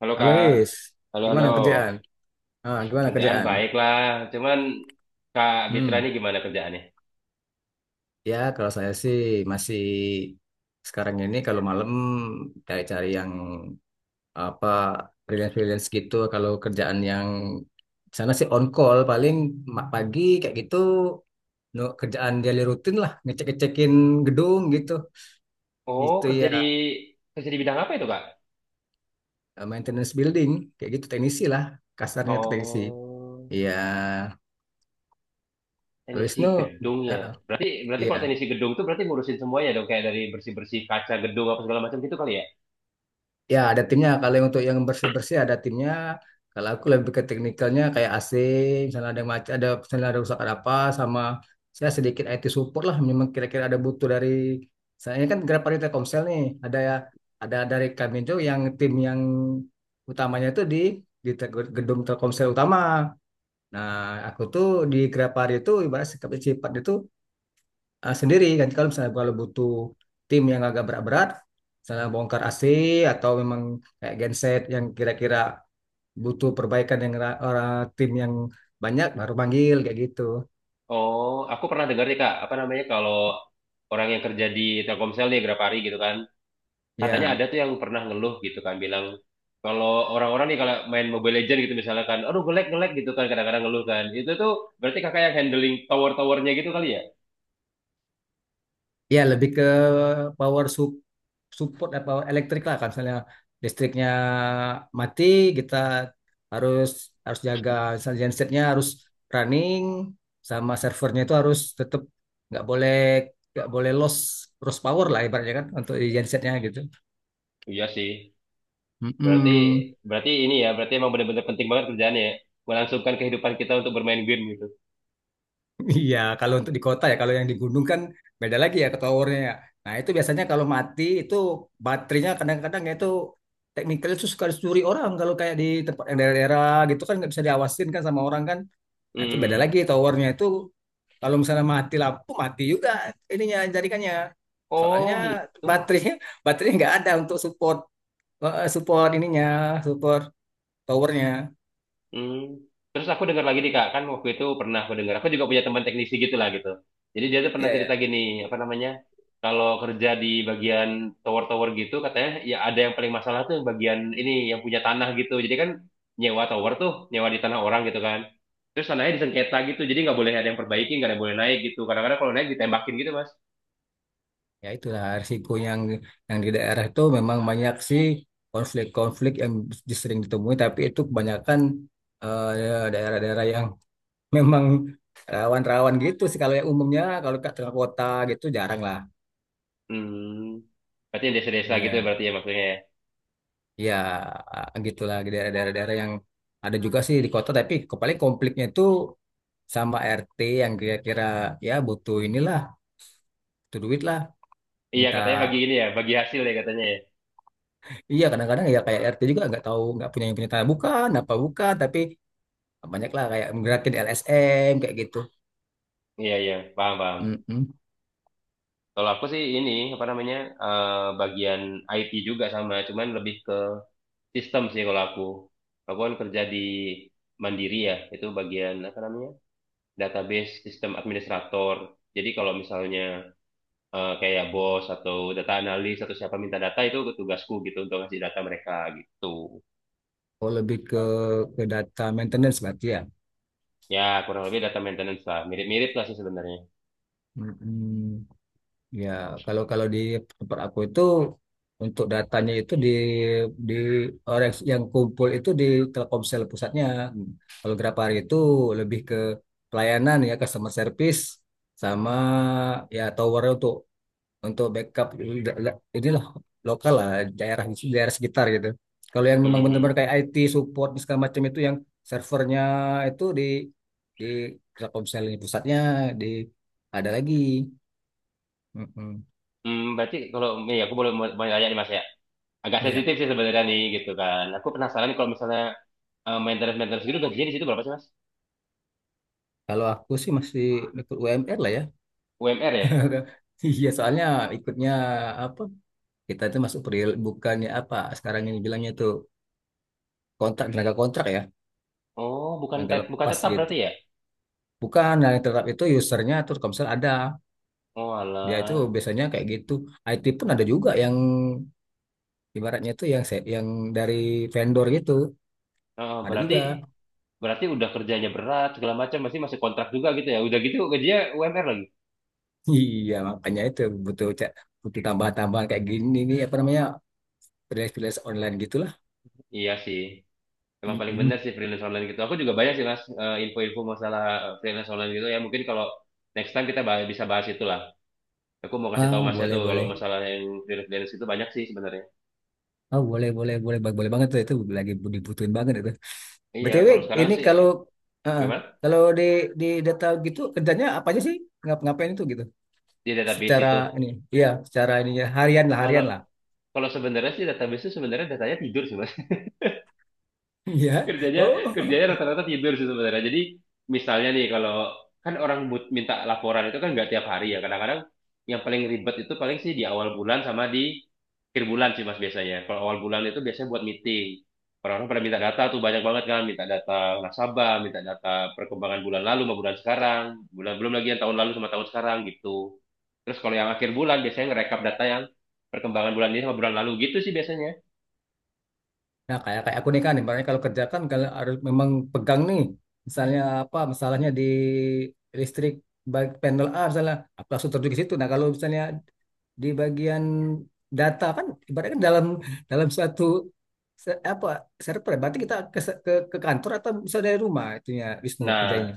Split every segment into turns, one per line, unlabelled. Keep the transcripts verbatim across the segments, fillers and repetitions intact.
Halo
Halo
Kak,
Wis,
halo halo.
gimana kerjaan? Ah, gimana
Kerjaan
kerjaan?
baik lah, cuman Kak Bitra ini
Hmm,
gimana kerjaannya?
ya kalau saya sih masih sekarang ini kalau malam cari-cari yang apa freelance-freelance gitu. Kalau kerjaan yang di sana sih on call paling ma- pagi kayak gitu no, kerjaan daily rutin lah ngecek-ngecekin gedung gitu.
Oh
Itu
kerja di
ya
kerja di bidang apa itu Kak?
eh, maintenance building kayak gitu teknisi lah, kasarnya itu teknisi.
Oh
Iya, kalau
teknisi
Wisnu,
gedung ya.
ah, ah,
Berarti berarti
iya.
kalau teknisi gedung tuh berarti ngurusin semuanya dong kayak dari bersih bersih kaca gedung apa segala macam gitu kali ya?
Ya, ada timnya. Kalau yang untuk yang bersih-bersih ada timnya. Kalau aku lebih ke teknikalnya kayak A C, misalnya ada macam ada misalnya ada rusak ada apa, sama saya sedikit I T support lah. Memang kira-kira ada butuh dari saya, ini kan Grabari Telkomsel nih. Ada ya ada dari kami itu yang tim yang utamanya itu di di te- gedung Telkomsel utama. Nah, aku tuh di Grapari itu ibarat sikap- sifatnya itu eh, sendiri kan, kalau misalnya kalau butuh tim yang agak berat-berat, misalnya bongkar A C atau memang kayak genset yang kira-kira butuh perbaikan yang ra- orang tim yang banyak baru panggil kayak gitu.
Oh aku pernah dengar nih Kak, apa namanya kalau orang yang kerja di Telkomsel nih berapa hari gitu kan? Katanya
Ya,
ada tuh yang pernah ngeluh gitu kan, bilang kalau orang-orang nih kalau main Mobile Legends gitu misalnya kan, aduh ngelag ngelag gitu kan kadang-kadang ngeluh kan. Itu tuh berarti kakak yang handling tower-towernya gitu kali ya?
ya lebih ke power sup support apa elektrik lah, kalau misalnya listriknya mati, kita harus harus jaga, misalnya gensetnya harus running, sama servernya itu harus tetap, nggak boleh nggak boleh loss loss power lah ibaratnya kan, untuk di gensetnya gitu.
Iya sih. Berarti
Mm-mm.
berarti ini ya, berarti emang benar-benar penting banget kerjaannya ya. Melangsungkan kehidupan kita untuk bermain game gitu.
Iya, kalau untuk di kota ya, kalau yang di gunung kan beda lagi ya, ke towernya ya. Nah itu biasanya kalau mati itu baterainya kadang-kadang ya itu, teknikal itu suka dicuri orang kalau kayak di tempat yang daerah-daerah gitu kan, nggak bisa diawasin kan sama orang kan. Nah, itu beda
Hmm.
lagi towernya itu, kalau misalnya mati lampu mati juga ininya, jaringannya.
Oh
Soalnya
gitu.
baterai, baterai nggak ada untuk support, eh, support ininya, support towernya.
Hmm. Terus aku dengar lagi nih Kak, kan waktu itu pernah aku dengar. Aku juga punya teman teknisi gitu lah gitu. Jadi dia tuh pernah
Iya ya.
cerita gini, apa namanya? Kalau kerja di bagian tower-tower gitu katanya ya ada yang paling masalah tuh bagian ini yang punya tanah gitu. Jadi kan nyewa tower tuh, nyewa di tanah orang gitu kan. Terus tanahnya disengketa gitu, jadi nggak boleh ada yang perbaiki, nggak ada yang boleh naik gitu. Kadang-kadang kalau naik ditembakin gitu Mas.
Ya itulah risiko yang yang di daerah itu, memang banyak sih konflik-konflik yang sering ditemui, tapi itu kebanyakan eh, ya, daerah-daerah yang memang rawan-rawan gitu sih, kalau yang umumnya kalau ke tengah kota gitu jarang lah.
Hmm. Berarti yang desa-desa gitu ya,
Iya.
berarti ya maksudnya ya.
Ya, gitulah di daerah-daerah yang ada juga sih di kota, tapi ke- paling konfliknya itu sama R T yang kira-kira ya butuh inilah, butuh duit lah,
Iya
minta.
katanya bagi ini ya, bagi hasil ya katanya ya.
Iya, kadang-kadang ya kayak R T juga nggak tahu, nggak punya yang punya tanah, bukan, apa bukan, tapi banyak lah kayak menggerakin L S M kayak gitu.
Iya iya, paham paham.
Mm-mm.
Kalau aku sih ini apa namanya eh, bagian I T juga sama, cuman lebih ke sistem sih kalau aku. Aku kan kerja di Mandiri ya, itu bagian apa namanya database sistem administrator. Jadi kalau misalnya eh, kayak bos atau data analis atau siapa minta data itu tugasku gitu, untuk ngasih data mereka gitu.
Oh, lebih ke ke data maintenance berarti ya.
Ya kurang lebih data maintenance lah, mirip-mirip lah sih sebenarnya.
Mm-mm. Ya, kalau kalau di tempat aku itu untuk datanya itu di di orang yang kumpul itu di Telkomsel pusatnya. Kalau Grapari itu lebih ke pelayanan ya, customer service, sama ya tower untuk untuk backup inilah, lokal lah, daerah daerah sekitar gitu. Kalau yang memang benar-benar
Mhm.
kayak I T support segala macam itu yang servernya itu di di Telkomsel ini pusatnya, di ada lagi. Mm-mm.
Hmm, berarti kalau ya aku boleh mau mau nanya nih Mas ya. Agak
Ya.
sensitif sih sebenarnya nih gitu kan. Aku penasaran kalau misalnya eh, maintenance-maintenance gitu gajinya di situ berapa sih Mas?
Kalau aku sih masih ikut U M R lah ya.
U M R ya?
Iya, soalnya ikutnya apa? Kita itu masuk peril, bukannya apa? Sekarang ini bilangnya itu kontrak, tenaga kontrak ya,
Oh, bukan
tenaga
tet- bukan
lepas
tetap
gitu.
berarti ya?
Bukan, nah tetap itu usernya Telkomsel ada.
Oh,
Dia itu
alah.
biasanya kayak gitu. I T pun ada juga yang ibaratnya itu yang se- yang dari vendor gitu.
Oh,
Ada
berarti
juga.
berarti udah kerjanya berat segala macam masih masih kontrak juga gitu ya. Udah gitu gajinya U M R lagi.
Iya, makanya itu butuh cek, butuh tambahan-tambahan kayak gini nih, apa namanya, freelance-freelance online gitulah.
Iya sih. Emang paling bener
Mm-mm.
sih freelance online gitu. Aku juga banyak sih Mas, eh, info-info masalah eh, freelance online gitu ya. Mungkin kalau next time kita bah- bisa bahas itu lah. Aku mau kasih tahu
Ah,
Masnya
boleh
tuh kalau
boleh.
masalah yang freelance freelance itu banyak sih sebenarnya.
Oh, boleh boleh boleh Bang. Boleh banget tuh, itu lagi dibutuhin banget itu.
Iya,
B T W
kalau sekarang
ini
sih
kalau eh,
gimana?
kalau di di data gitu kerjanya apa aja sih? Ngap ngapain itu gitu?
Di database
Secara
itu.
ini, iya, secara ininya harian lah,
Kalau
harian lah.
kalau sebenarnya sih database itu sebenarnya datanya tidur sih mas.
Iya.
Kerjanya
Oh.
kerjanya rata-rata tidur sih sebenarnya. Jadi misalnya nih kalau kan orang but- minta laporan itu kan nggak tiap hari ya. Kadang-kadang yang paling ribet itu paling sih di awal bulan sama di akhir bulan sih mas biasanya. Kalau awal bulan itu biasanya buat meeting. Orang-orang pada minta data tuh banyak banget kan, minta data nasabah, minta data perkembangan bulan lalu sama bulan sekarang, bulan belum lagi yang tahun lalu sama tahun sekarang gitu. Terus kalau yang akhir bulan biasanya ngerekap data yang perkembangan bulan ini sama bulan lalu gitu sih biasanya.
Nah kayak kayak aku nih kan, ibaratnya kalau kerjakan kalau harus memang pegang nih, misalnya apa masalahnya di listrik baik panel A misalnya, aku langsung terjun ke situ. Nah kalau misalnya di bagian data kan ibaratnya kan dalam dalam suatu se- apa, server ya. Berarti kita ke, ke ke kantor, atau bisa dari rumah itunya, Wisnu
Nah,
kerjanya.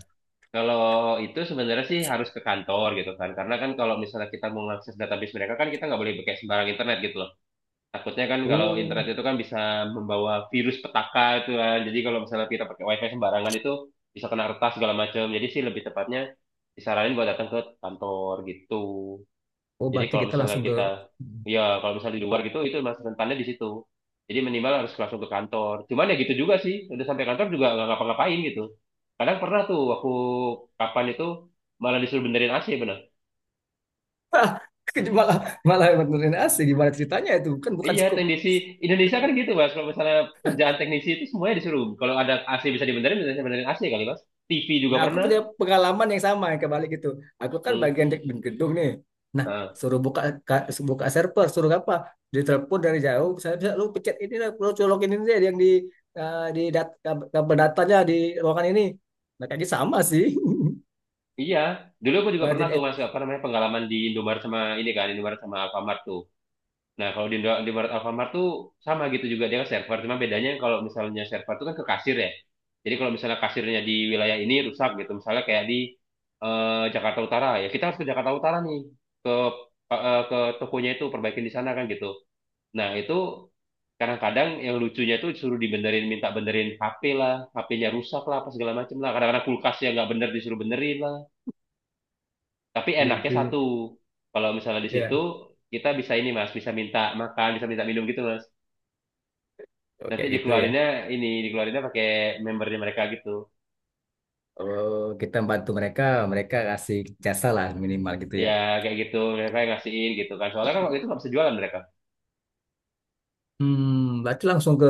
kalau itu sebenarnya sih harus ke kantor gitu kan. Karena kan kalau misalnya kita mau mengakses database mereka kan, kita nggak boleh pakai sembarang internet gitu loh. Takutnya kan kalau internet
Oh,
itu kan bisa membawa virus petaka itu kan. Jadi kalau misalnya kita pakai wifi sembarangan itu bisa kena retas segala macam. Jadi sih lebih tepatnya disaranin buat datang ke kantor gitu.
oh
Jadi
berarti
kalau
kita
misalnya
langsung ke.
kita, ya kalau misalnya di luar gitu, itu masih rentannya di situ. Jadi minimal harus langsung ke kantor. Cuman ya gitu juga sih, udah sampai kantor juga nggak ngapa-ngapain gitu. Kadang pernah tuh aku kapan itu malah disuruh benerin A C bener.
malah malah benerin A C, gimana ceritanya itu kan bukan
Iya,
scope.
teknisi Indonesia kan gitu mas. Kalau misalnya kerjaan teknisi itu semuanya disuruh. Kalau ada A C bisa dibenerin, bisa benerin A C kali mas. T V juga
Nah, aku
pernah.
punya pengalaman yang sama yang kebalik itu. Aku kan
Hmm.
bagian dek gedung nih. Nah,
Nah,
suruh buka ka- buka server, suruh apa? Ditelepon dari jauh, saya bisa lu pencet ini lah, lu colokin ini deh yang di eh, di dat kab- kabel datanya di ruangan ini. Nah, kayaknya sama sih.
iya, dulu aku juga
Malah
pernah
jadi
tuh mas
ad-
apa namanya pengalaman di Indomaret, sama ini kan Indomaret sama Alfamart tuh. Nah, kalau di, Indo- di Maret Alfamart tuh sama gitu juga, dia kan server, cuma bedanya kalau misalnya server tuh kan ke kasir ya. Jadi kalau misalnya kasirnya di wilayah ini rusak gitu, misalnya kayak di eh, Jakarta Utara ya, kita harus ke Jakarta Utara nih, ke eh, eh, ke tokonya itu perbaikin di sana kan gitu. Nah, itu kadang-kadang yang lucunya tuh suruh dibenerin, minta benerin H P lah, H P-nya rusak lah, apa segala macem lah. Kadang-kadang kulkasnya nggak bener disuruh benerin lah. Tapi enaknya
gitu.
satu, kalau misalnya di situ
Ya,
kita bisa ini mas, bisa minta makan, bisa minta minum gitu mas.
oke
Nanti
gitu ya.
dikeluarinnya ini, dikeluarinnya pakai membernya mereka gitu.
Oh, kita bantu mereka, mereka kasih jasa lah minimal gitu ya.
Ya kayak gitu, mereka yang ngasihin gitu kan. Soalnya kan waktu itu nggak bisa jualan mereka,
Hmm, berarti langsung ke,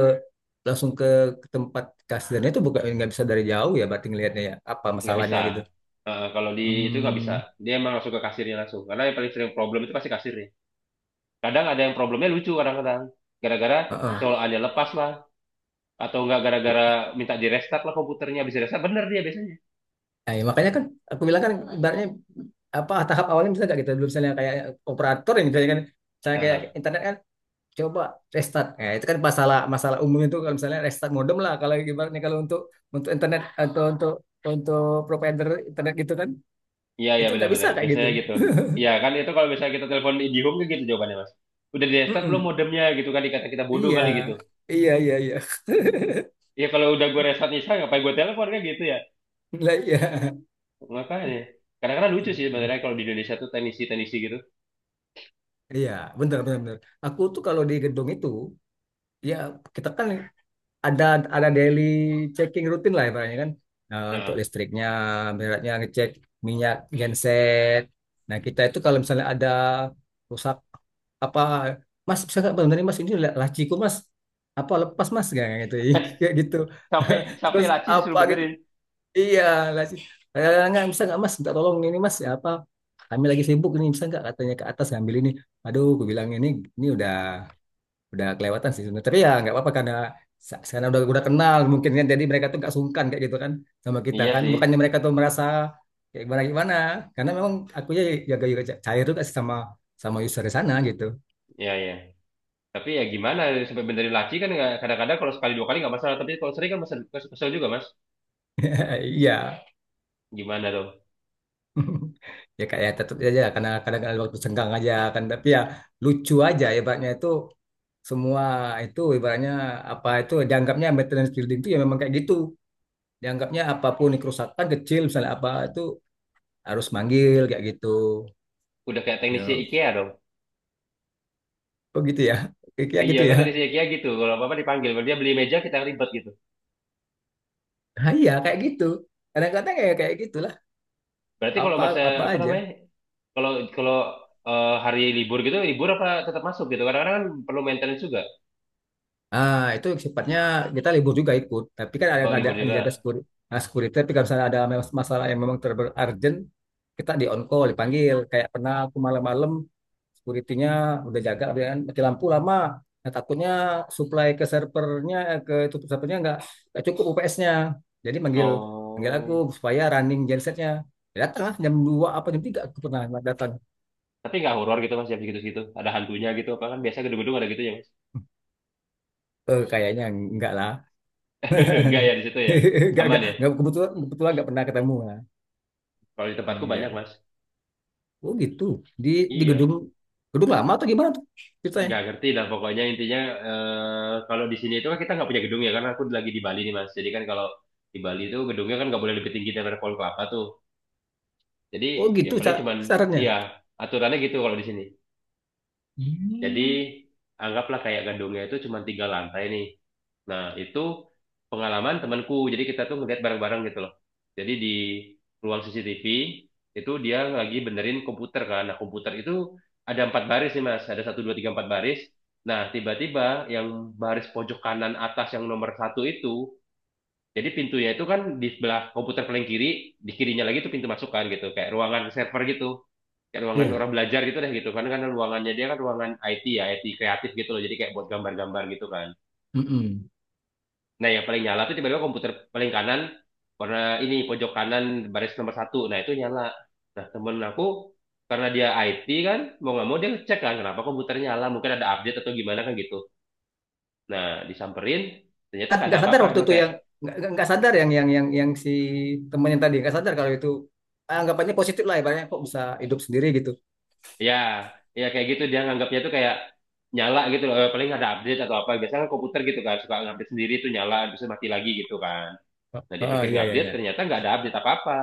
langsung ke, ke tempat kasirnya itu, bukan nggak bisa dari jauh ya, berarti ngelihatnya ya apa
nggak bisa.
masalahnya gitu.
Eh, kalau di itu nggak bisa,
Hmm,
dia emang langsung ke kasirnya langsung. Karena yang paling sering problem itu pasti kasirnya. Kadang ada yang problemnya lucu kadang-kadang, gara-gara
heeh.
colokannya lepas lah, atau nggak gara-gara minta di restart lah komputernya, bisa restart bener dia biasanya.
Nah, ya makanya kan aku bilang kan, ibaratnya apa, tahap awalnya bisa nggak gitu, dulu misalnya kayak operator yang misalnya kan, misalnya kayak
Nah,
internet kan, coba restart. Nah, itu kan masalah masalah umum itu kalau misalnya restart modem lah, kalau ibaratnya kalau untuk untuk internet atau untuk untuk provider internet gitu kan
iya, iya
itu nggak bisa
benar-benar.
kayak gitu.
Biasanya gitu. Iya kan itu kalau misalnya kita telepon IdiHome kan gitu jawabannya, Mas. Udah di restart belum
Mm-mm.
modemnya gitu kan, dikata kita bodoh
Iya,
kali gitu.
iya, iya, iya.
Ya kalau udah gue restart Nisa ngapain gue telepon kan gitu ya.
Lah, iya.
Makanya. Kadang-kadang lucu sih sebenarnya
Mhm.
kalau di Indonesia tuh teknisi-teknisi gitu.
Iya, benar benar benar. Aku tuh kalau di gedung itu, ya kita kan ada ada daily checking rutin lah, ibaratnya kan. Nah, untuk
Nah,
listriknya, beratnya ngecek minyak genset. Nah, kita itu kalau misalnya ada rusak apa, Mas bisa nggak benar Mas ini la- laciku Mas, apa lepas Mas kayak gitu, kayak gitu.
sampai sampai
Terus
laci disuruh
apa gitu.
benerin.
Iya, lah sih. Eh, nggak bisa nggak mas, minta tolong ini mas, ya apa? Kami lagi sibuk ini, bisa nggak katanya ke atas ngambil ini. Aduh, aku bilang ini ini udah udah kelewatan sih sebenarnya. Tapi ya nggak apa-apa, karena sa- karena udah udah kenal mungkin kan. Jadi mereka tuh nggak sungkan kayak gitu kan sama kita
Iya
kan. Bukannya
sih.
mereka tuh merasa kayak gimana gimana. Karena memang aku ya jaga juga cair juga sih, sama sama user di sana gitu.
Iya, iya. Tapi ya gimana sampai benerin laci kan nggak- kadang-kadang kalau sekali dua kali nggak masalah, tapi kalau sering kan mesen, kesel kesel juga, Mas.
Iya.
Gimana dong?
Ya kayak tetap aja karena kadang-kadang ada waktu senggang aja kan. Tapi ya lucu aja, ibaratnya itu semua itu ibaratnya apa itu, dianggapnya maintenance building itu ya memang kayak gitu. Dianggapnya apapun ini, kerusakan kecil misalnya apa itu harus manggil kayak gitu.
Udah kayak teknisi
Ya,
IKEA dong.
begitu ya. Kayak
Iya
gitu
kan
ya.
teknisi IKEA gitu. Kalau apa-apa dipanggil, kalau dia beli meja kita ribet gitu.
Nah, iya kayak gitu. Kadang-kadang ya kayak gitulah.
Berarti kalau
Apa
masa
apa
apa namanya?
aja.
Kalau kalau eh, hari libur gitu, libur apa tetap masuk gitu? Kadang-kadang kan perlu maintenance juga.
Ah, itu sifatnya kita libur juga ikut, tapi kan ada
Kalau
ada
libur
yang jaga
juga.
security. Nah, security, tapi kalau misalnya ada mas- masalah yang memang terber urgent, kita di on call, dipanggil. Kayak pernah aku malam-malam, security-nya udah jaga, dia kan mati lampu lama. Nah, takutnya supply ke servernya, eh, ke itu servernya nggak nggak cukup U P S-nya. Jadi manggil manggil aku
Oh.
supaya running gensetnya. Ya, datang lah jam dua apa jam tiga aku pernah datang.
Tapi nggak horor gitu Mas, jam segitu-segitu. Ada hantunya gitu apa kan, biasa gedung-gedung ada gitu ya, Mas.
Eh, kayaknya enggak lah.
Enggak ya di situ ya.
Enggak,
Aman
enggak,
ya.
enggak, kebetulan, kebetulan enggak pernah ketemu.
Kalau di tempatku banyak,
Iya.
Mas.
Oh gitu. Di di
Iya,
gedung, gedung lama atau gimana tuh ceritanya?
nggak ngerti lah pokoknya intinya eh, kalau di sini itu kan kita nggak punya gedung ya karena aku lagi di Bali nih Mas. Jadi kan kalau di Bali itu gedungnya kan nggak boleh lebih tinggi daripada pohon kelapa tuh. Jadi
Oh
ya
gitu
paling
sa-
cuman
sarannya.
iya aturannya gitu kalau di sini. Jadi
Hmm.
anggaplah kayak gedungnya itu cuma tiga lantai nih. Nah itu pengalaman temanku. Jadi kita tuh ngeliat bareng-bareng gitu loh. Jadi di ruang C C T V itu dia lagi benerin komputer kan. Nah komputer itu ada empat baris nih mas. Ada satu dua tiga empat baris. Nah tiba-tiba yang baris pojok kanan atas yang nomor satu itu, jadi pintunya itu kan di sebelah komputer paling kiri, di kirinya lagi itu pintu masukan gitu, kayak ruangan server gitu. Kayak ruangan orang
Iya.
belajar gitu deh gitu, karena kan ruangannya dia kan ruangan I T ya, I T kreatif gitu loh. Jadi kayak buat gambar-gambar gitu kan.
Mm-mm.
Nah, yang paling nyala tuh tiba-tiba komputer paling kanan, karena ini pojok kanan baris nomor satu. Nah, itu nyala. Nah, temen aku karena dia I T kan mau nggak mau dia cek kan kenapa komputernya nyala, mungkin ada update atau gimana kan gitu. Nah disamperin ternyata
Ah,
nggak ada
nggak sadar
apa-apa,
waktu
emang
itu
kayak
yang nggak nggak nggak sadar yang yang yang yang si temannya tadi nggak sadar kalau itu anggapannya positif lah ibaratnya, kok bisa hidup sendiri gitu.
ya, ya kayak gitu dia nganggapnya tuh kayak nyala gitu loh. Eh, Paling ada update atau apa. Biasanya kan komputer gitu kan suka ngupdate sendiri tuh nyala, terus mati lagi gitu kan.
Ah,
Nah dia
ah,
pikir
iya iya
ngupdate,
iya.
ternyata nggak ada update apa-apa.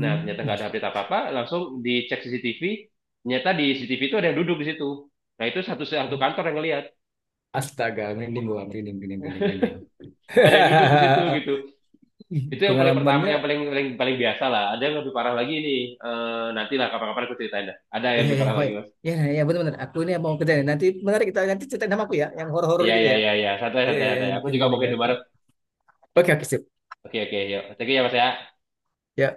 Nah ternyata nggak ada
bisa.
update apa-apa, langsung dicek C C T V. Ternyata di C C T V itu ada yang duduk di situ. Nah itu satu satu
Oh.
kantor yang ngelihat
Astaga, merinding gua, merinding, merinding, merinding, merinding.
ada yang duduk di situ gitu.
Ih,
Itu yang paling pertama,
pengalamannya,
yang paling paling paling biasa lah. Ada yang lebih parah lagi nih. Eh nantilah kapan-kapan aku ceritain dah. Ada yang
iya,
lebih
iya,
parah lagi mas.
iya, iya, iya, benar-benar. Aku ini mau kerja nih. Nanti menarik, kita nanti ceritain sama aku ya, yang horor-horor
Iya
gitu
iya
ya.
iya iya. Santai
Iya,
santai
iya, iya,
santai.
yang
Aku
bikin
juga mau
merinding
ke
aku.
Indomaret.
Oke, oke, sip.
Oke oke yuk. Thank you ya Mas ya.
Ya,